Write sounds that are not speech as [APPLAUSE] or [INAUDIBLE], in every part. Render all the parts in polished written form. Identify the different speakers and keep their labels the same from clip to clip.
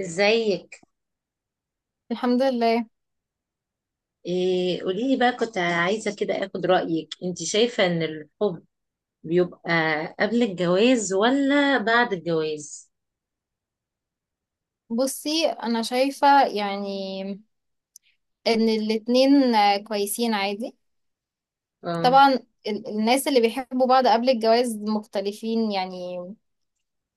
Speaker 1: ازيك؟
Speaker 2: الحمد لله.
Speaker 1: إيه، قولي لي بقى، كنت عايزة كده اخد رأيك. انت شايفة ان الحب بيبقى قبل الجواز ولا بعد الجواز؟
Speaker 2: بصي انا شايفة يعني ان الاتنين كويسين عادي،
Speaker 1: اه.
Speaker 2: طبعا الناس اللي بيحبوا بعض قبل الجواز مختلفين يعني.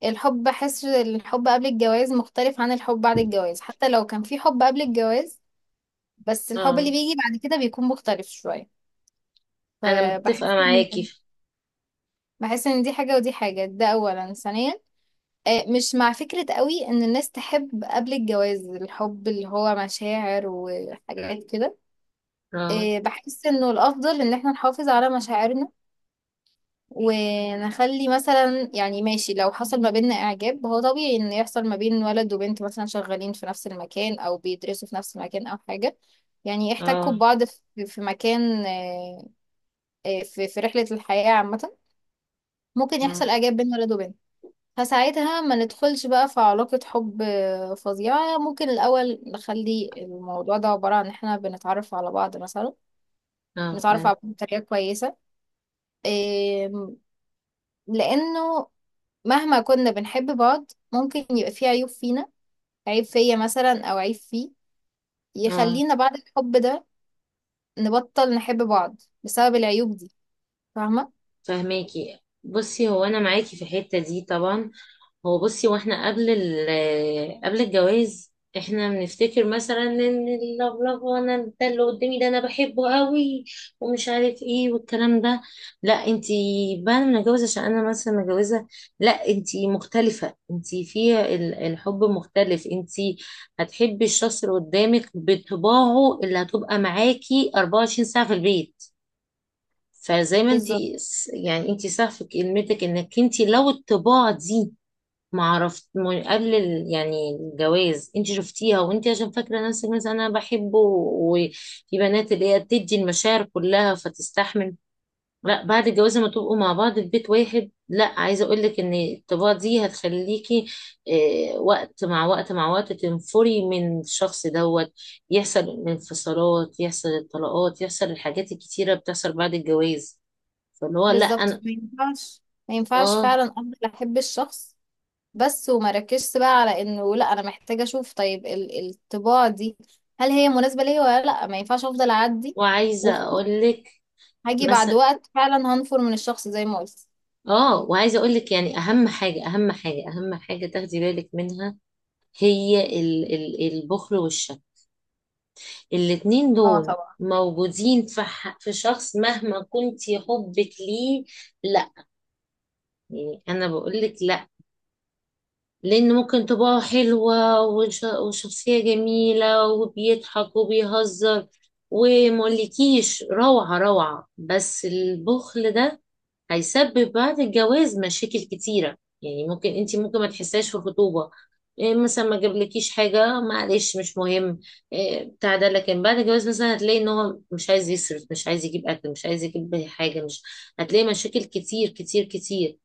Speaker 2: الحب بحس الحب قبل الجواز مختلف عن الحب بعد الجواز، حتى لو كان في حب قبل الجواز، بس الحب اللي
Speaker 1: اه،
Speaker 2: بيجي بعد كده بيكون مختلف شوية.
Speaker 1: انا متفقة
Speaker 2: فبحس
Speaker 1: معاكي
Speaker 2: ان بحس ان دي حاجة ودي حاجة، ده اولا. ثانيا، مش مع فكرة قوي ان الناس تحب قبل الجواز، الحب اللي هو مشاعر وحاجات كده.
Speaker 1: اه.
Speaker 2: بحس انه الافضل ان احنا نحافظ على مشاعرنا، ونخلي مثلا يعني ماشي. لو حصل ما بيننا اعجاب، هو طبيعي ان يحصل ما بين ولد وبنت مثلا شغالين في نفس المكان او بيدرسوا في نفس المكان او حاجة، يعني احتكوا
Speaker 1: اه.
Speaker 2: ببعض في مكان، في رحلة الحياة عامة. ممكن
Speaker 1: اه.
Speaker 2: يحصل اعجاب بين ولد وبنت، فساعتها ما ندخلش بقى في علاقة حب فظيعة. ممكن الأول نخلي الموضوع ده عبارة عن إحنا بنتعرف على بعض مثلا،
Speaker 1: اه
Speaker 2: نتعرف
Speaker 1: فاهم.
Speaker 2: على بعض بطريقة كويسة. آم، لأنه مهما كنا بنحب بعض، ممكن يبقى فيه عيوب فينا، عيب فيا مثلا أو عيب فيه،
Speaker 1: اه
Speaker 2: يخلينا بعد الحب ده نبطل نحب بعض بسبب العيوب دي. فاهمة؟
Speaker 1: فاهماكي. بصي هو انا معاكي في الحتة دي طبعا. هو بصي، واحنا قبل الجواز احنا بنفتكر مثلا ان اللفلفه انا، ده اللي قدامي ده انا بحبه قوي ومش عارف ايه والكلام ده. لا انتي، بعد ما نتجوز، عشان انا مثلا متجوزه، لا انتي مختلفه، انتي الحب مختلف، انتي هتحبي الشخص اللي قدامك بطباعه اللي هتبقى معاكي 24 ساعه في البيت. فزي ما
Speaker 2: بالظبط.
Speaker 1: انتي يعني، انتي صح في كلمتك، انك انتي لو الطباع دي ما عرفت ما- يعني الجواز انت شفتيها، وانت عشان فاكره نفسك مثلا انا بحبه، وفي بنات اللي هي بتدي المشاعر كلها فتستحمل. لا بعد الجواز لما تبقوا مع بعض في بيت واحد، لا، عايزه اقول لك ان الطباع دي هتخليكي، اه، وقت مع وقت مع وقت، تنفري من الشخص دوت. يحصل انفصالات، يحصل الطلاقات، يحصل الحاجات الكتيره بتحصل بعد الجواز، فاللي هو لا
Speaker 2: بالظبط،
Speaker 1: انا.
Speaker 2: ما ينفعش. ما ينفعش
Speaker 1: اه
Speaker 2: فعلا، أفضل أحب الشخص بس، وما ركزش بقى على إنه لأ، أنا محتاجة أشوف. طيب، الطباع دي هل هي مناسبة ليا ولا لأ؟ ما ينفعش أفضل أعدي
Speaker 1: وعايزه
Speaker 2: وخلاص،
Speaker 1: اقول لك.
Speaker 2: هاجي بعد
Speaker 1: مثلا
Speaker 2: وقت فعلا هنفر من الشخص زي ما قلت.
Speaker 1: اه، وعايزه اقول لك يعني، اهم حاجه اهم حاجه اهم حاجه تاخدي بالك منها، هي ال ال البخل والشك. الاتنين
Speaker 2: اه
Speaker 1: دول
Speaker 2: طبعا.
Speaker 1: موجودين في شخص مهما كنتي حبك ليه. لا، يعني انا بقول لك لا، لأن ممكن طباعه حلوة وشخصية جميلة وبيضحك وبيهزر ومقولكيش روعة روعة، بس البخل ده هيسبب بعد الجواز مشاكل كتيرة. يعني ممكن انت ممكن ما تحسهاش في الخطوبة. إيه مثلا، ما جابلكيش حاجة، معلش مش مهم، إيه بتاع ده، لكن بعد الجواز مثلا هتلاقي ان هو مش عايز يصرف، مش عايز يجيب أكل، مش عايز يجيب حاجة، مش هتلاقي مشاكل كتير كتير كتير.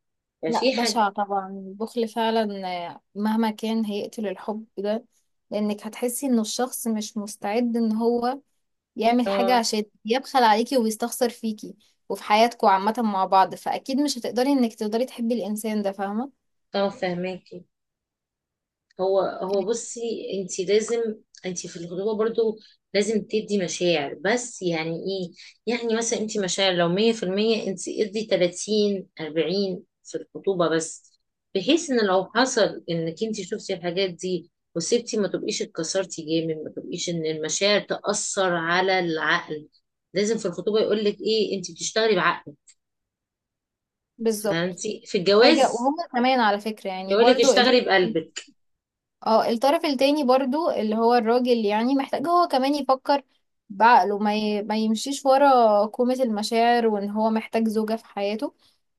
Speaker 2: لا،
Speaker 1: ففي حاجة.
Speaker 2: بشع طبعا البخل فعلا، مهما كان هيقتل الحب ده. لانك هتحسي ان الشخص مش مستعد ان هو يعمل حاجة،
Speaker 1: اه
Speaker 2: عشان يبخل عليكي ويستخسر فيكي وفي حياتكوا عامة مع بعض. فأكيد مش هتقدري انك تقدري تحبي الإنسان ده، فاهمة؟
Speaker 1: طبعا فهماكي. هو هو بصي، انت لازم انت في الخطوبه برضو لازم تدي مشاعر، بس يعني ايه، يعني مثلا انت مشاعر لو 100%، انت ادي 30 40 في الخطوبه بس، بحيث ان لو حصل انك انت شفتي الحاجات دي وسبتي، ما تبقيش اتكسرتي جامد، ما تبقيش ان المشاعر تأثر على العقل. لازم في الخطوبه يقول لك ايه، انت بتشتغلي بعقلك،
Speaker 2: بالظبط.
Speaker 1: فهمتي، في
Speaker 2: حاجة
Speaker 1: الجواز
Speaker 2: وهم كمان على فكرة يعني
Speaker 1: يقول لك
Speaker 2: برضو.
Speaker 1: اشتغلي بقلبك.
Speaker 2: اه، الطرف التاني برضو اللي هو الراجل يعني، محتاج هو كمان يفكر بعقله، ما يمشيش ورا كومة المشاعر وان هو محتاج زوجة في حياته،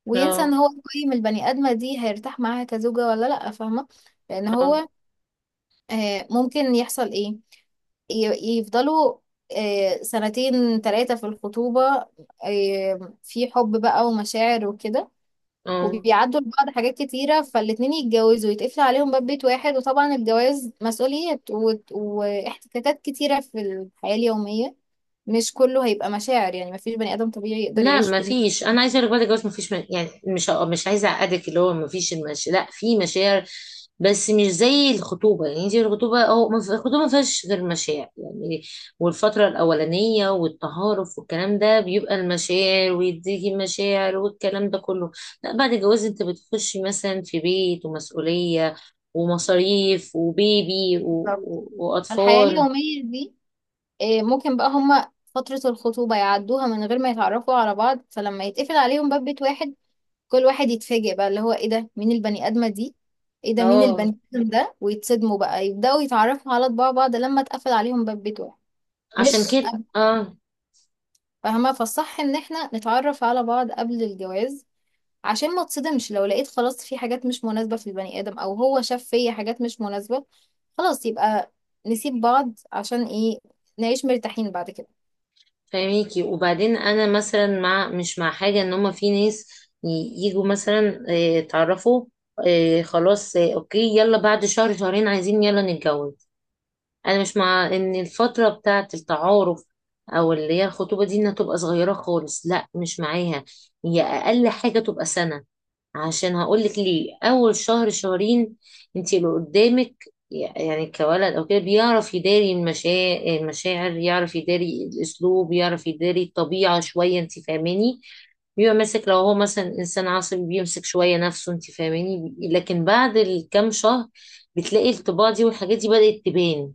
Speaker 2: وينسى
Speaker 1: اه.
Speaker 2: ان هو يقيم البني ادمة دي هيرتاح معاها كزوجة ولا لأ، فاهمة؟ لان
Speaker 1: اه.
Speaker 2: هو ممكن يحصل ايه، يفضلوا سنتين تلاتة في الخطوبة، في حب بقى ومشاعر وكده،
Speaker 1: اه.
Speaker 2: وبيعدوا لبعض حاجات كتيرة، فالاتنين يتجوزوا ويتقفل عليهم باب بيت واحد. وطبعا الجواز مسؤوليات واحتكاكات كتيرة في الحياة اليومية، مش كله هيبقى مشاعر يعني، مفيش بني آدم طبيعي يقدر
Speaker 1: لا
Speaker 2: يعيش
Speaker 1: ما
Speaker 2: بالمشاعر.
Speaker 1: فيش، انا عايزه اقول لك بعد الجواز ما فيش، يعني مش عايزه اعقدك اللي هو ما فيش، لا، في مشاعر، بس مش زي الخطوبه يعني، دي الخطوبه، او ما في- الخطوبه ما فيهاش غير مشاعر يعني، والفتره الاولانيه والتهارف والكلام ده، بيبقى المشاعر ويديكي مشاعر والكلام ده كله. لا بعد الجواز انت بتخشي مثلا في بيت ومسؤوليه ومصاريف وبيبي
Speaker 2: بالظبط. الحياة
Speaker 1: واطفال.
Speaker 2: اليومية دي ممكن بقى هما فترة الخطوبة يعدوها من غير ما يتعرفوا على بعض، فلما يتقفل عليهم باب بيت واحد كل واحد يتفاجئ بقى اللي هو ايه ده، مين البني آدمة دي، ايه ده مين
Speaker 1: اه
Speaker 2: البني آدم ده، ويتصدموا بقى يبدأوا يتعرفوا على طباع بعض لما اتقفل عليهم باب بيت واحد.
Speaker 1: عشان
Speaker 2: مش
Speaker 1: كده اه
Speaker 2: فاهمة، فالصح ان احنا نتعرف على بعض قبل الجواز، عشان ما تصدمش لو لقيت خلاص في حاجات مش مناسبة في البني ادم، او هو شاف فيا حاجات مش مناسبة، خلاص يبقى نسيب بعض. عشان ايه؟ نعيش مرتاحين بعد كده.
Speaker 1: فاهميكي. وبعدين انا مثلا مع، مش مع حاجه ان هما، في ناس يجوا مثلا، اتعرفوا، خلاص، اوكي، يلا بعد شهر شهرين عايزين يلا نتجوز. انا مش مع ان الفتره بتاعه التعارف او اللي هي الخطوبه دي انها تبقى صغيره خالص، لا مش معاها، هي اقل حاجه تبقى سنه. عشان هقولك ليه، اول شهر شهرين انت اللي قدامك يعني كولد او كده بيعرف يداري المشاعر، يعرف يداري الاسلوب، يعرف يداري الطبيعه شويه، انت فاهماني، بيبقى ماسك، لو هو مثلا انسان عصبي بيمسك شويه نفسه، انت فاهماني، لكن بعد الكام شهر بتلاقي الطباع دي والحاجات دي بدأت تبان.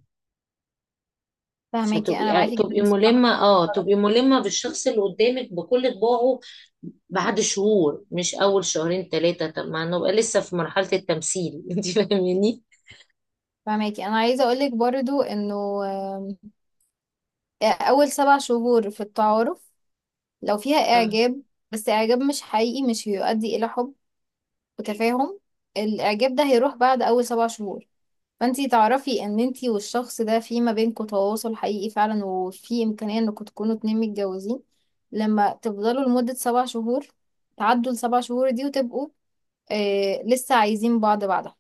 Speaker 2: فاهماكي،
Speaker 1: فتبقي
Speaker 2: انا
Speaker 1: يعني
Speaker 2: معاكي
Speaker 1: تبقي
Speaker 2: جدا الصراحة.
Speaker 1: ملمة، اه تبقي ملمة بالشخص اللي قدامك بكل طباعه بعد شهور، مش أول شهرين ثلاثة. طب ما نبقى لسه في مرحلة التمثيل [LAUGHS] انت فاهماني؟
Speaker 2: فاهماكي، انا عايزة اقولك برضو انه آم، اول 7 شهور في التعارف، لو فيها
Speaker 1: آه،
Speaker 2: اعجاب، بس اعجاب مش حقيقي، مش هيؤدي الى حب وتفاهم. الاعجاب ده هيروح بعد اول 7 شهور. فانتي تعرفي ان انتي والشخص ده في ما بينكوا تواصل حقيقي فعلا، وفي امكانية انكوا تكونوا اتنين متجوزين، لما تفضلوا لمدة 7 شهور، تعدوا السبع شهور دي وتبقوا لسه عايزين بعض بعدها.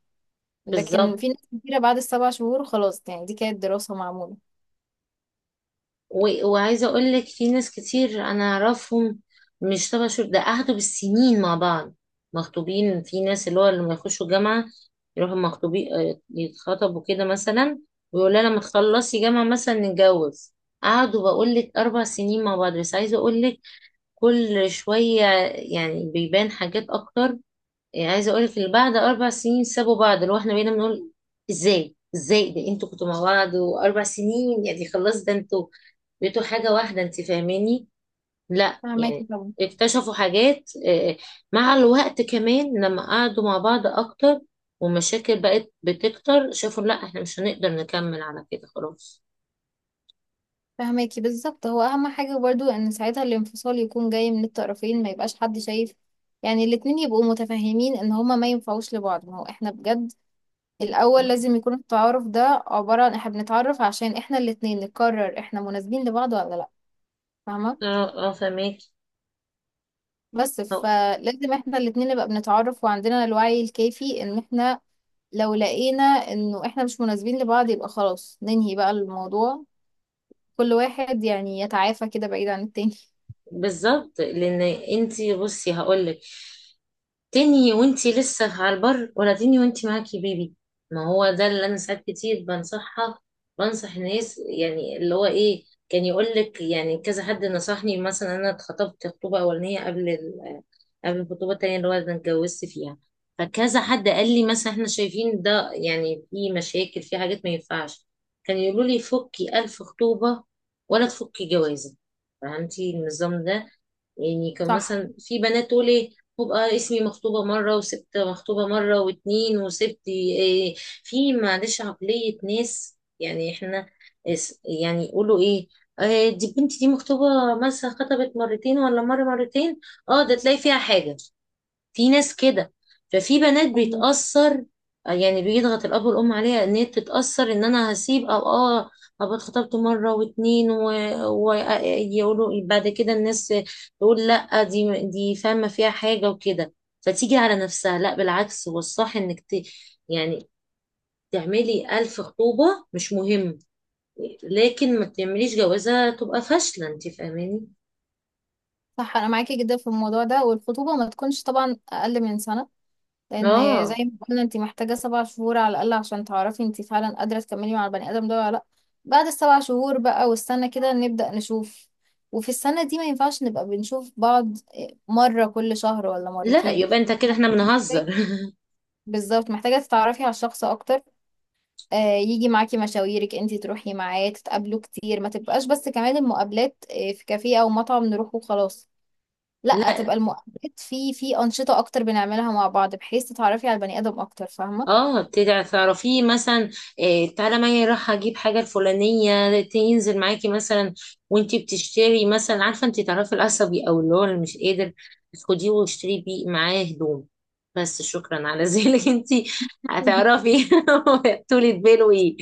Speaker 2: لكن
Speaker 1: بالظبط.
Speaker 2: في ناس كتيرة بعد السبع شهور خلاص، يعني دي كانت دراسة معمولة.
Speaker 1: وعايزة أقول لك في ناس كتير أنا أعرفهم، مش تبع شهور ده، قعدوا بالسنين مع بعض مخطوبين. في ناس اللي هو لما يخشوا جامعة يروحوا مخطوبين، يتخطبوا كده مثلا، ويقول لها لما تخلصي جامعة مثلا نتجوز. قعدوا بقول لك أربع سنين مع بعض، بس عايزة أقول لك كل شوية يعني بيبان حاجات أكتر. يعني عايزة أقولك اللي بعد أربع سنين سابوا بعض، اللي هو إحنا بقينا بنقول إزاي إزاي ده، أنتوا كنتوا مع بعض وأربع سنين، يعني خلاص ده أنتوا بقيتوا حاجة واحدة، أنت فاهماني. لا يعني
Speaker 2: فهماكي طبعا.
Speaker 1: اكتشفوا حاجات، مع الوقت كمان لما قعدوا مع بعض أكتر ومشاكل بقت بتكتر، شافوا لا إحنا مش هنقدر نكمل على كده، خلاص.
Speaker 2: فهماكي، بالظبط، هو اهم حاجة برضو ان ساعتها الانفصال يكون جاي من الطرفين، ما يبقاش حد شايف يعني، الاتنين يبقوا متفاهمين ان هما ما ينفعوش لبعض. ما هو احنا بجد الأول لازم يكون التعارف ده عبارة عن احنا بنتعرف عشان احنا الاتنين نقرر احنا مناسبين لبعض ولا لأ، فاهمة؟
Speaker 1: اه. اه فهماكي.
Speaker 2: بس فلازم احنا الاتنين نبقى بنتعرف وعندنا الوعي الكافي، ان احنا لو لقينا انه احنا مش مناسبين لبعض، يبقى خلاص ننهي بقى الموضوع، كل واحد يعني يتعافى كده بعيد عن التاني [LAUGHS]
Speaker 1: بالظبط لان، انتي بصي هقولك، تنهي وانتي لسه على البر، ولا تنهي وانتي معاكي بيبي؟ ما هو ده اللي انا ساعات كتير بنصحها، بنصح الناس، يعني اللي هو ايه، كان يقول لك يعني، كذا حد نصحني مثلا، انا اتخطبت خطوبه اولانيه قبل الخطوبه التانيه اللي هو انا اتجوزت فيها، فكذا حد قال لي مثلا احنا شايفين ده يعني في مشاكل، في حاجات ما ينفعش، كان يقولوا لي فكي ألف خطوبه ولا تفكي جوازه. فهمتي النظام ده؟ يعني كان
Speaker 2: صح.
Speaker 1: مثلا في بنات تقول ايه، وبقى اسمي مخطوبة مرة وسبت، مخطوبة مرة واتنين وسبت، إيه. في معلش عقلية ناس، يعني احنا يعني يقولوا ايه، دي بنتي دي مخطوبة مثلا، خطبت مرتين، ولا مرة مرتين، اه ده تلاقي فيها حاجة، في ناس كده. ففي بنات
Speaker 2: فاهمة.
Speaker 1: بيتأثر، يعني بيضغط الأب والأم عليها إن هي تتأثر، إن أنا هسيب، أو آه أبقى اتخطبت مرة واتنين ويقولوا بعد كده الناس، تقول لأ دي فاهمة فيها حاجة وكده، فتيجي على نفسها. لأ بالعكس، هو الصح إنك يعني تعملي ألف خطوبة مش مهم، لكن ما تعمليش جوازة تبقى فاشلة. أنت فاهماني؟
Speaker 2: صح، انا معاكي جدا في الموضوع ده، والخطوبة ما تكونش طبعا اقل من سنة، لان زي
Speaker 1: آه.
Speaker 2: ما قلنا انت محتاجه 7 شهور على الاقل عشان تعرفي انت فعلا قادره تكملي مع البني ادم ده ولا لا. بعد السبع شهور بقى والسنه كده نبدا نشوف، وفي السنه دي ما ينفعش نبقى بنشوف بعض مره كل شهر ولا
Speaker 1: لا
Speaker 2: مرتين.
Speaker 1: يبقى أنت كده إحنا بنهزر.
Speaker 2: بالظبط، محتاجه تتعرفي على الشخص اكتر، يجي معاكي مشاويرك، انت تروحي معاه، تتقابلوا كتير، ما تبقاش بس كمان المقابلات في كافيه او مطعم نروح وخلاص. لا،
Speaker 1: [LAUGHS]
Speaker 2: تبقى المقابلات في انشطه اكتر بنعملها مع بعض، بحيث تتعرفي على البني ادم اكتر، فاهمه؟
Speaker 1: اه، بتدعي تعرفيه مثلا، إيه تعالى معايا، راح اجيب حاجه الفلانيه تنزل معاكي مثلا، وانتي بتشتري مثلا، عارفه انتي، تعرفي العصبي او اللي هو اللي مش قادر، خديه واشتري بيه معاه هدوم، بس شكرا على ذلك. [LAUGHS] انتي هتعرفي. [LAUGHS] طولة باله ايه،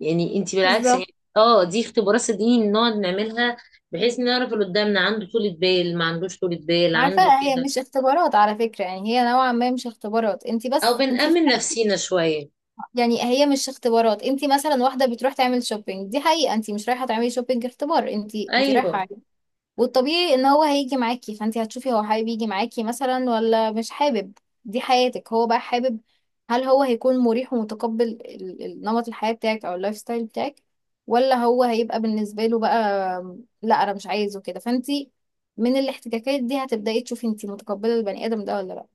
Speaker 1: يعني انتي بالعكس
Speaker 2: بالظبط.
Speaker 1: يعني، اه دي اختبارات صدقيني بنقعد نعملها، بحيث نعرف اللي قدامنا عنده طولة بال، ما عندوش طولة بال،
Speaker 2: عارفة،
Speaker 1: عنده
Speaker 2: هي
Speaker 1: كده،
Speaker 2: مش اختبارات على فكرة يعني، هي نوعا ما مش اختبارات، انت
Speaker 1: او
Speaker 2: بس انت
Speaker 1: بنأمن نفسينا شويه.
Speaker 2: يعني هي مش اختبارات. انت مثلا واحدة بتروح تعمل شوبينج، دي حقيقة، انت مش رايحة تعملي شوبينج اختبار، انت رايحة،
Speaker 1: ايوه.
Speaker 2: والطبيعي ان هو هيجي معاكي، فانت هتشوفي هو حابب يجي معاكي مثلا ولا مش حابب، دي حياتك. هو بقى حابب، هل هو هيكون مريح ومتقبل نمط الحياة بتاعك او اللايف ستايل بتاعك، ولا هو هيبقى بالنسبة له بقى لا انا مش عايزه كده؟ فانت من الاحتكاكات دي هتبدأي تشوفي انت متقبلة البني ادم ده ولا لا.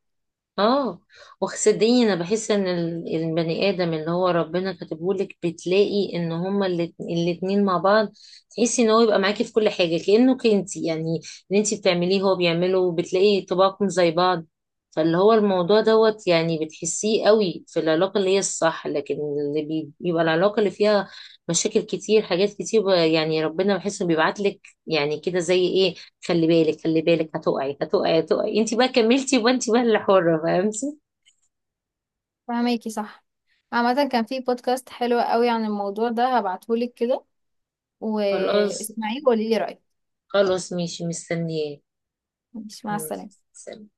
Speaker 1: اه وصدقيني انا بحس ان البني ادم اللي هو ربنا كاتبهولك، بتلاقي ان هما الاتنين مع بعض، تحسي ان هو يبقى معاكي في كل حاجه كانك انتي، يعني اللي انتي بتعمليه هو بيعمله، وبتلاقي طباعكم زي بعض. فاللي هو الموضوع دوت، يعني بتحسيه قوي في العلاقه اللي هي الصح، لكن اللي بيبقى العلاقه اللي فيها مشاكل كتير، حاجات كتير، يعني ربنا بحس انه بيبعتلك يعني كده زي ايه، خلي بالك خلي بالك، هتقعي هتقعي هتقعي، انت بقى كملتي يبقى انت بقى اللي حرة، فهمتي.
Speaker 2: فهماكي، صح. عامة، كان في بودكاست حلو قوي عن الموضوع ده، هبعتهولك كده
Speaker 1: خلاص.
Speaker 2: واسمعيه وقولي لي رأيك.
Speaker 1: خلاص ماشي، مستنياه.
Speaker 2: مش، مع
Speaker 1: ماشي.
Speaker 2: السلامة.
Speaker 1: سلام.